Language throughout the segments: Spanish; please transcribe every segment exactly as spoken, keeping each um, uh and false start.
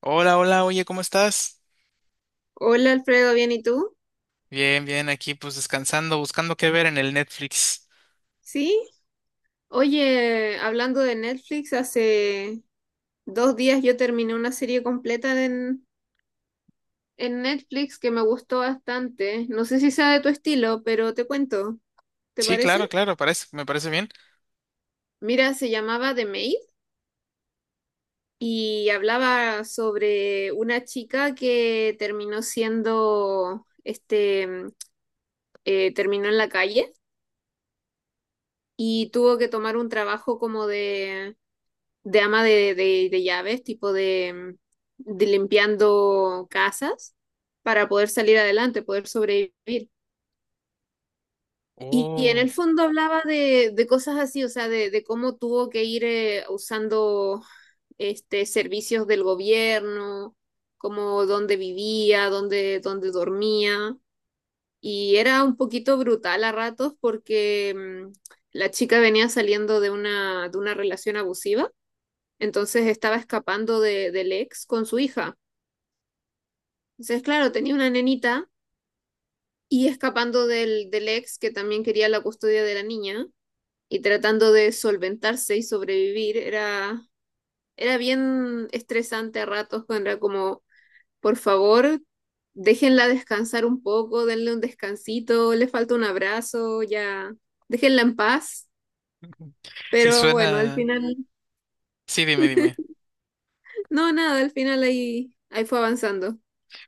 Hola, hola, oye, ¿cómo estás? Hola Alfredo, ¿bien y tú? Bien, bien, aquí pues descansando, buscando qué ver en el Netflix. Sí. Oye, hablando de Netflix, hace dos días yo terminé una serie completa en, en Netflix que me gustó bastante. No sé si sea de tu estilo, pero te cuento. ¿Te Sí, parece? claro, claro, parece, me parece bien. Mira, se llamaba The Maid y hablaba sobre una chica que terminó siendo, este, eh, terminó en la calle y tuvo que tomar un trabajo como de de ama de, de- de llaves, tipo de, mm, de limpiando casas para poder salir adelante, poder sobrevivir. Y, y en Oh, el fondo hablaba de, de cosas así, o sea, de, de cómo tuvo que ir eh, usando este, servicios del gobierno, como dónde vivía, dónde, dónde dormía. Y era un poquito brutal a ratos porque mm, la chica venía saliendo de una, de una relación abusiva, entonces estaba escapando de, del ex con su hija. Entonces, claro, tenía una nenita y escapando del, del ex que también quería la custodia de la niña y tratando de solventarse y sobrevivir. Era, era bien estresante a ratos cuando era como, por favor, déjenla descansar un poco, denle un descansito, le falta un abrazo, ya, déjenla en paz. sí Pero bueno, al suena. final, Sí, dime, dime. no, nada, al final ahí, ahí fue avanzando.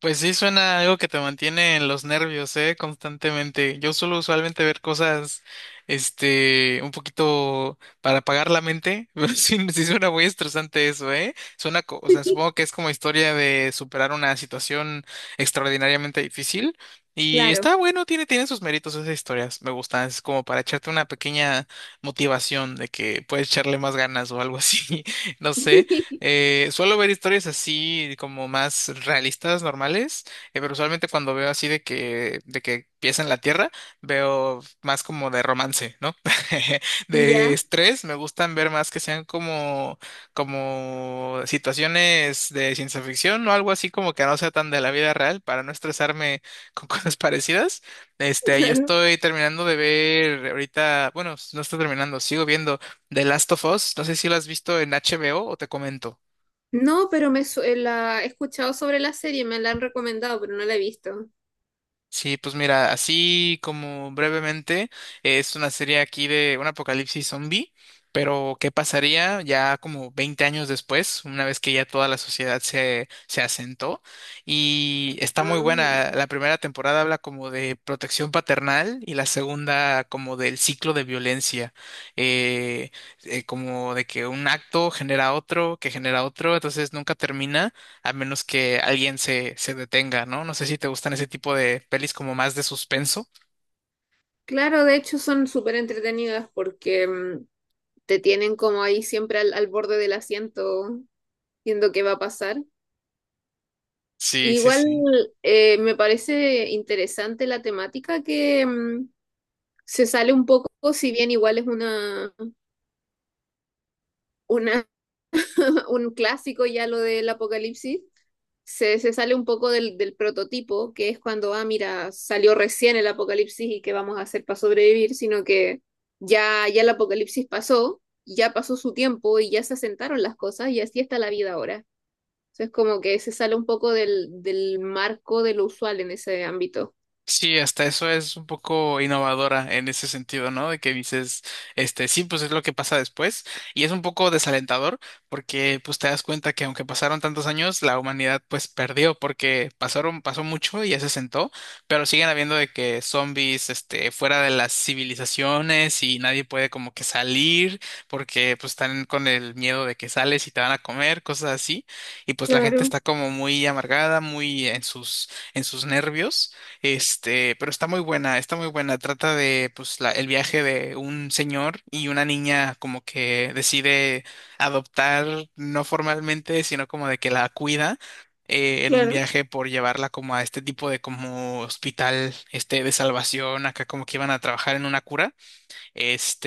Pues sí, suena algo que te mantiene en los nervios, ¿eh? Constantemente. Yo suelo usualmente ver cosas, este, un poquito para apagar la mente, pero sí, sí suena muy estresante eso, ¿eh? Suena, co- o sea, supongo que es como historia de superar una situación extraordinariamente difícil. Y Claro. está bueno, tiene, tiene sus méritos esas historias, me gustan, es como para echarte una pequeña motivación de que puedes echarle más ganas o algo así, no sé. Eh, suelo ver historias así como más realistas, normales, eh, pero usualmente cuando veo así de que, de que empieza en la tierra, veo más como de romance, ¿no? De Ya. estrés, me gustan ver más que sean como, como situaciones de ciencia ficción o algo así como que no sea tan de la vida real para no estresarme con cosas parecidas. Este, yo Claro. estoy terminando de ver ahorita, bueno, no estoy terminando, sigo viendo. The Last of Us, no sé si lo has visto en HBO o o te comento. No, pero me su- eh, la he escuchado sobre la serie, me la han recomendado, pero no la he visto. Sí, pues mira, así como brevemente, es una serie aquí de un apocalipsis zombie, pero ¿qué pasaría ya como veinte años después, una vez que ya toda la sociedad se, se asentó? Y está muy Ah, buena. La primera temporada habla como de protección paternal y la segunda como del ciclo de violencia. Eh, eh, Como de que un acto genera otro, que genera otro, entonces nunca termina a menos que alguien se, se detenga, ¿no? No sé si te gustan ese tipo de pelis como más de suspenso. claro, de hecho son súper entretenidas porque mm, te tienen como ahí siempre al, al borde del asiento viendo qué va a pasar. Sí, sí, Igual sí. eh, me parece interesante la temática que mm, se sale un poco, si bien igual es una, una, un clásico ya lo del apocalipsis, se, se sale un poco del, del prototipo, que es cuando, ah, mira, salió recién el apocalipsis y qué vamos a hacer para sobrevivir, sino que ya, ya el apocalipsis pasó, ya pasó su tiempo y ya se asentaron las cosas y así está la vida ahora. Entonces, como que se sale un poco del, del marco de lo usual en ese ámbito. Sí, hasta eso es un poco innovadora en ese sentido, ¿no? De que dices, este, sí, pues es lo que pasa después. Y es un poco desalentador porque pues te das cuenta que aunque pasaron tantos años, la humanidad pues perdió porque pasaron, pasó mucho y ya se sentó, pero siguen habiendo de que zombies, este, fuera de las civilizaciones y nadie puede como que salir porque pues están con el miedo de que sales y te van a comer, cosas así. Y pues la gente Claro, está como muy amargada, muy en sus, en sus nervios. Este, pero está muy buena, está muy buena. Trata de, pues, la- el viaje de un señor y una niña como que decide adoptar, no formalmente, sino como de que la cuida eh, en un claro. viaje por llevarla como a este tipo de como hospital, este, de salvación, acá como que iban a trabajar en una cura.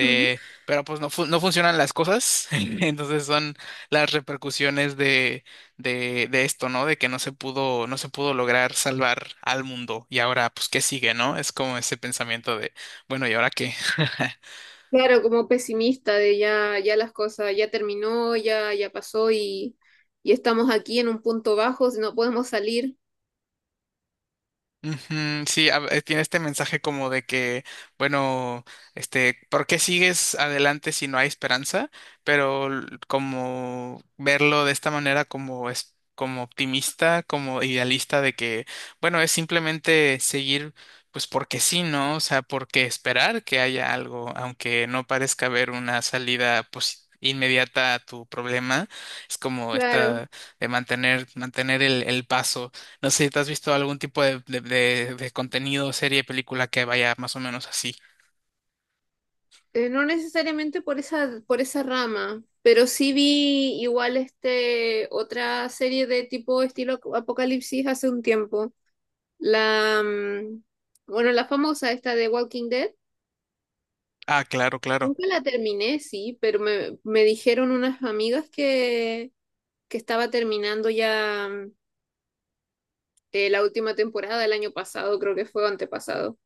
Ujú. pero pues no, fu- no funcionan las cosas. Entonces son las repercusiones de, de, de esto, ¿no? De que no se pudo, no se pudo lograr salvar al mundo. Y ahora, pues, ¿qué sigue, no? Es como ese pensamiento de, bueno, ¿y ahora qué? Claro, como pesimista de ya, ya las cosas, ya terminó, ya, ya pasó y, y estamos aquí en un punto bajo, no podemos salir. Ujú, sí, a- eh, tiene este mensaje como de que, bueno, este, ¿por qué sigues adelante si no hay esperanza? Pero l- como verlo de esta manera como es como optimista, como idealista de que, bueno, es simplemente seguir, pues porque sí, ¿no? O sea, porque esperar que haya algo, aunque no parezca haber una salida pues, inmediata a tu problema, es como Claro. esta de mantener, mantener el el paso. No sé si te has visto algún tipo de, de, de, de contenido, serie, película que vaya más o menos así. Eh, no necesariamente por esa, por esa rama, pero sí vi igual este otra serie de tipo estilo ap- Apocalipsis hace un tiempo. La mm, bueno, la famosa esta de Walking Dead. Ah, claro, claro. Nunca la terminé, sí, pero me, me dijeron unas amigas que, que estaba terminando ya mm, eh, la última temporada el año pasado, creo que fue o antepasado.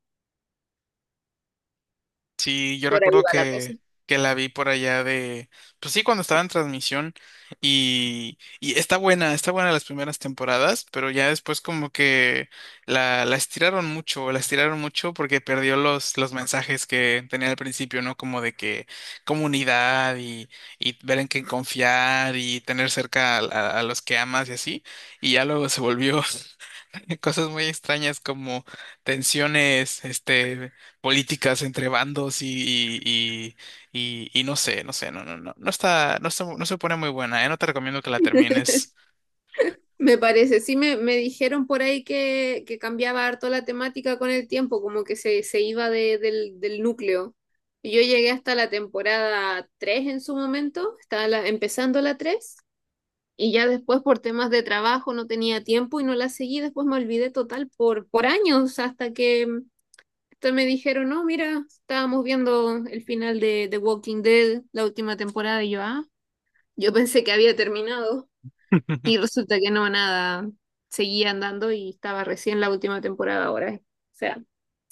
Sí, yo Por ahí recuerdo va la cosa. que, que la vi por allá de, pues sí, cuando estaba en transmisión y, y está buena, está buena las primeras temporadas, pero ya después como que la, la estiraron mucho, la estiraron mucho porque perdió los, los mensajes que tenía al principio, ¿no? Como de que comunidad y, y ver en quién confiar y tener cerca a, a a los que amas y así, y ya luego se volvió cosas muy extrañas como tensiones, este políticas entre bandos y, y, y, y no sé, no sé, no, no, no, no está, no está, no se pone muy buena, ¿eh? No te recomiendo que la termines. Me parece, sí me, me dijeron por ahí que, que cambiaba harto la temática con el tiempo, como que se, se iba de- del, del núcleo. Yo llegué hasta la temporada tres en su momento, estaba la- empezando la tres y ya después por temas de trabajo no tenía tiempo y no la seguí, después me olvidé total por, por años, hasta que hasta me dijeron, no, mira, estábamos viendo el final de The Walking Dead, la última temporada, y yo, ah, yo pensé que había terminado. Y resulta que no, nada, seguía andando y estaba recién la última temporada ahora, eh. O sea,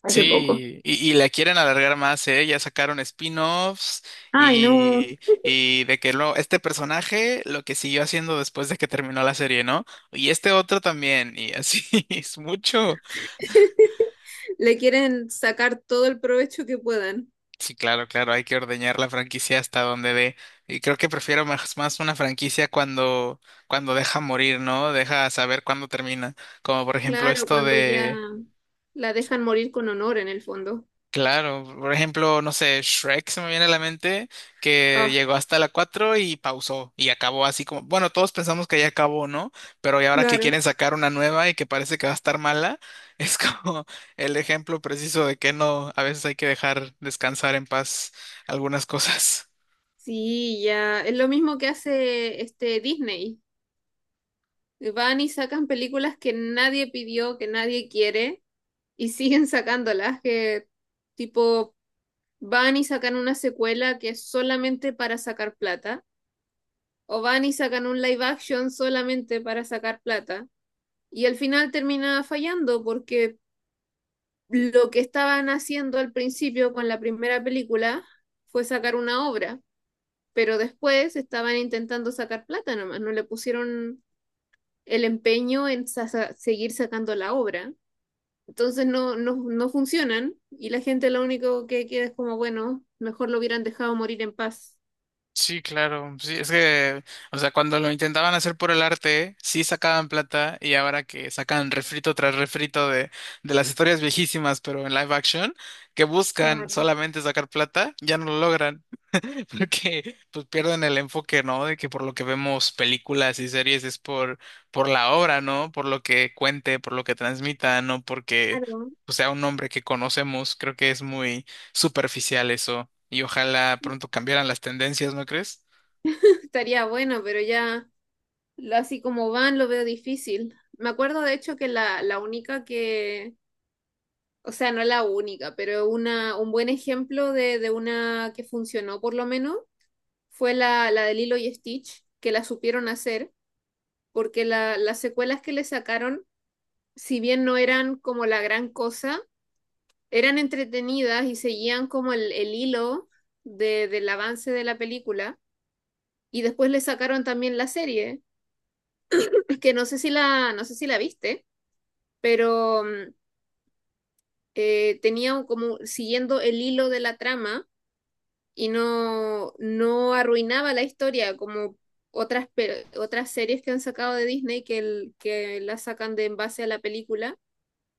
hace poco. Sí, y, y la quieren alargar más, ¿eh? Ya sacaron spin-offs Ay, no, y, y de que lo, este personaje lo que siguió haciendo después de que terminó la serie, ¿no? Y este otro también, y así es mucho. le quieren sacar todo el provecho que puedan. Sí, claro, claro, hay que ordeñar la franquicia hasta donde dé. Y creo que prefiero más, más una franquicia cuando, cuando, deja morir, ¿no? Deja saber cuándo termina. Como por ejemplo Claro, esto cuando ya de, la dejan morir con honor en el fondo. claro, por ejemplo, no sé, Shrek se me viene a la mente, que Ah, llegó hasta la cuatro y pausó y acabó así como, bueno, todos pensamos que ya acabó, ¿no? Pero y ahora que claro. quieren sacar una nueva y que parece que va a estar mala, es como el ejemplo preciso de que no, a veces hay que dejar descansar en paz algunas cosas. Sí, ya, es lo mismo que hace este Disney. Van y sacan películas que nadie pidió, que nadie quiere, y siguen sacándolas, que tipo van y sacan una secuela que es solamente para sacar plata, o van y sacan un live action solamente para sacar plata, y al final termina fallando porque lo que estaban haciendo al principio con la primera película fue sacar una obra, pero después estaban intentando sacar plata nomás, no le pusieron el empeño en sa- seguir sacando la obra. Entonces no, no, no funcionan y la gente lo único que queda es como, bueno, mejor lo hubieran dejado morir en paz. Sí, claro. Sí, es que, o sea, cuando lo intentaban hacer por el arte, sí sacaban plata y ahora que sacan refrito tras refrito de, de las historias viejísimas, pero en live action, que buscan Claro. solamente sacar plata, ya no lo logran. Porque pues pierden el enfoque, ¿no? De que por lo que vemos películas y series es por, por la obra, ¿no? Por lo que cuente, por lo que transmita, no porque Claro. pues, sea un nombre que conocemos. Creo que es muy superficial eso y ojalá Sí, pronto cambiaran las tendencias, ¿no crees? estaría bueno, pero ya lo- así como van lo veo difícil. Me acuerdo de hecho que la, la única que, o sea, no la única, pero una, un buen ejemplo de, de una que funcionó por lo menos fue la, la de Lilo y Stitch, que la supieron hacer, porque la, las secuelas que le sacaron, si bien no eran como la gran cosa, eran entretenidas y seguían como el, el hilo de, del avance de la película. Y después le sacaron también la serie, que no sé si la, no sé si la viste, pero mm, eh, tenía un- como siguiendo el hilo de la trama y no, no arruinaba la historia como otras, pe- otras series que han sacado de Disney que, el- que la sacan de en base a la película,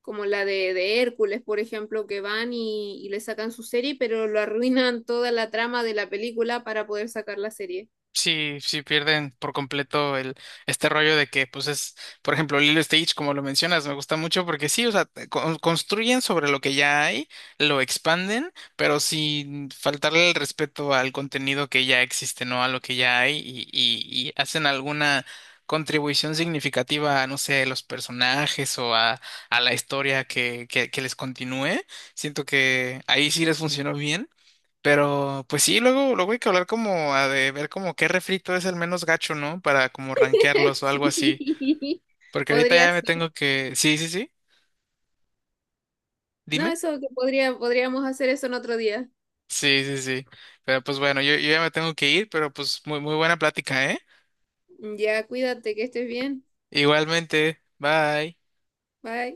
como la de, de Hércules, por ejemplo, que van y, y le sacan su serie, pero lo arruinan toda la trama de la película para poder sacar la serie. Sí, sí pierden por completo el este rollo de que, pues es, por ejemplo, Lilo y Stitch como lo mencionas, me gusta mucho porque sí, o sea, te con- construyen sobre lo que ya hay, lo expanden, pero sin faltarle el respeto al contenido que ya existe, ¿no? A lo que ya hay y, y, y hacen alguna contribución significativa a, no sé, los personajes o a, a la historia que, que, que les continúe. Siento que ahí sí les funcionó bien. Pero, pues sí, luego, luego hay que hablar como a de ver como qué refrito es el menos gacho, ¿no? Para como rankearlos o algo así. Sí, Porque ahorita podría ya me ser. tengo que. Sí, sí, sí. No, Dime. eso que podría, podríamos hacer eso en otro día. Sí, sí, sí. Pero pues bueno, yo, yo ya me tengo que ir, pero pues muy, muy buena plática, ¿eh? Ya, cuídate, que estés bien. Igualmente. Bye. Bye.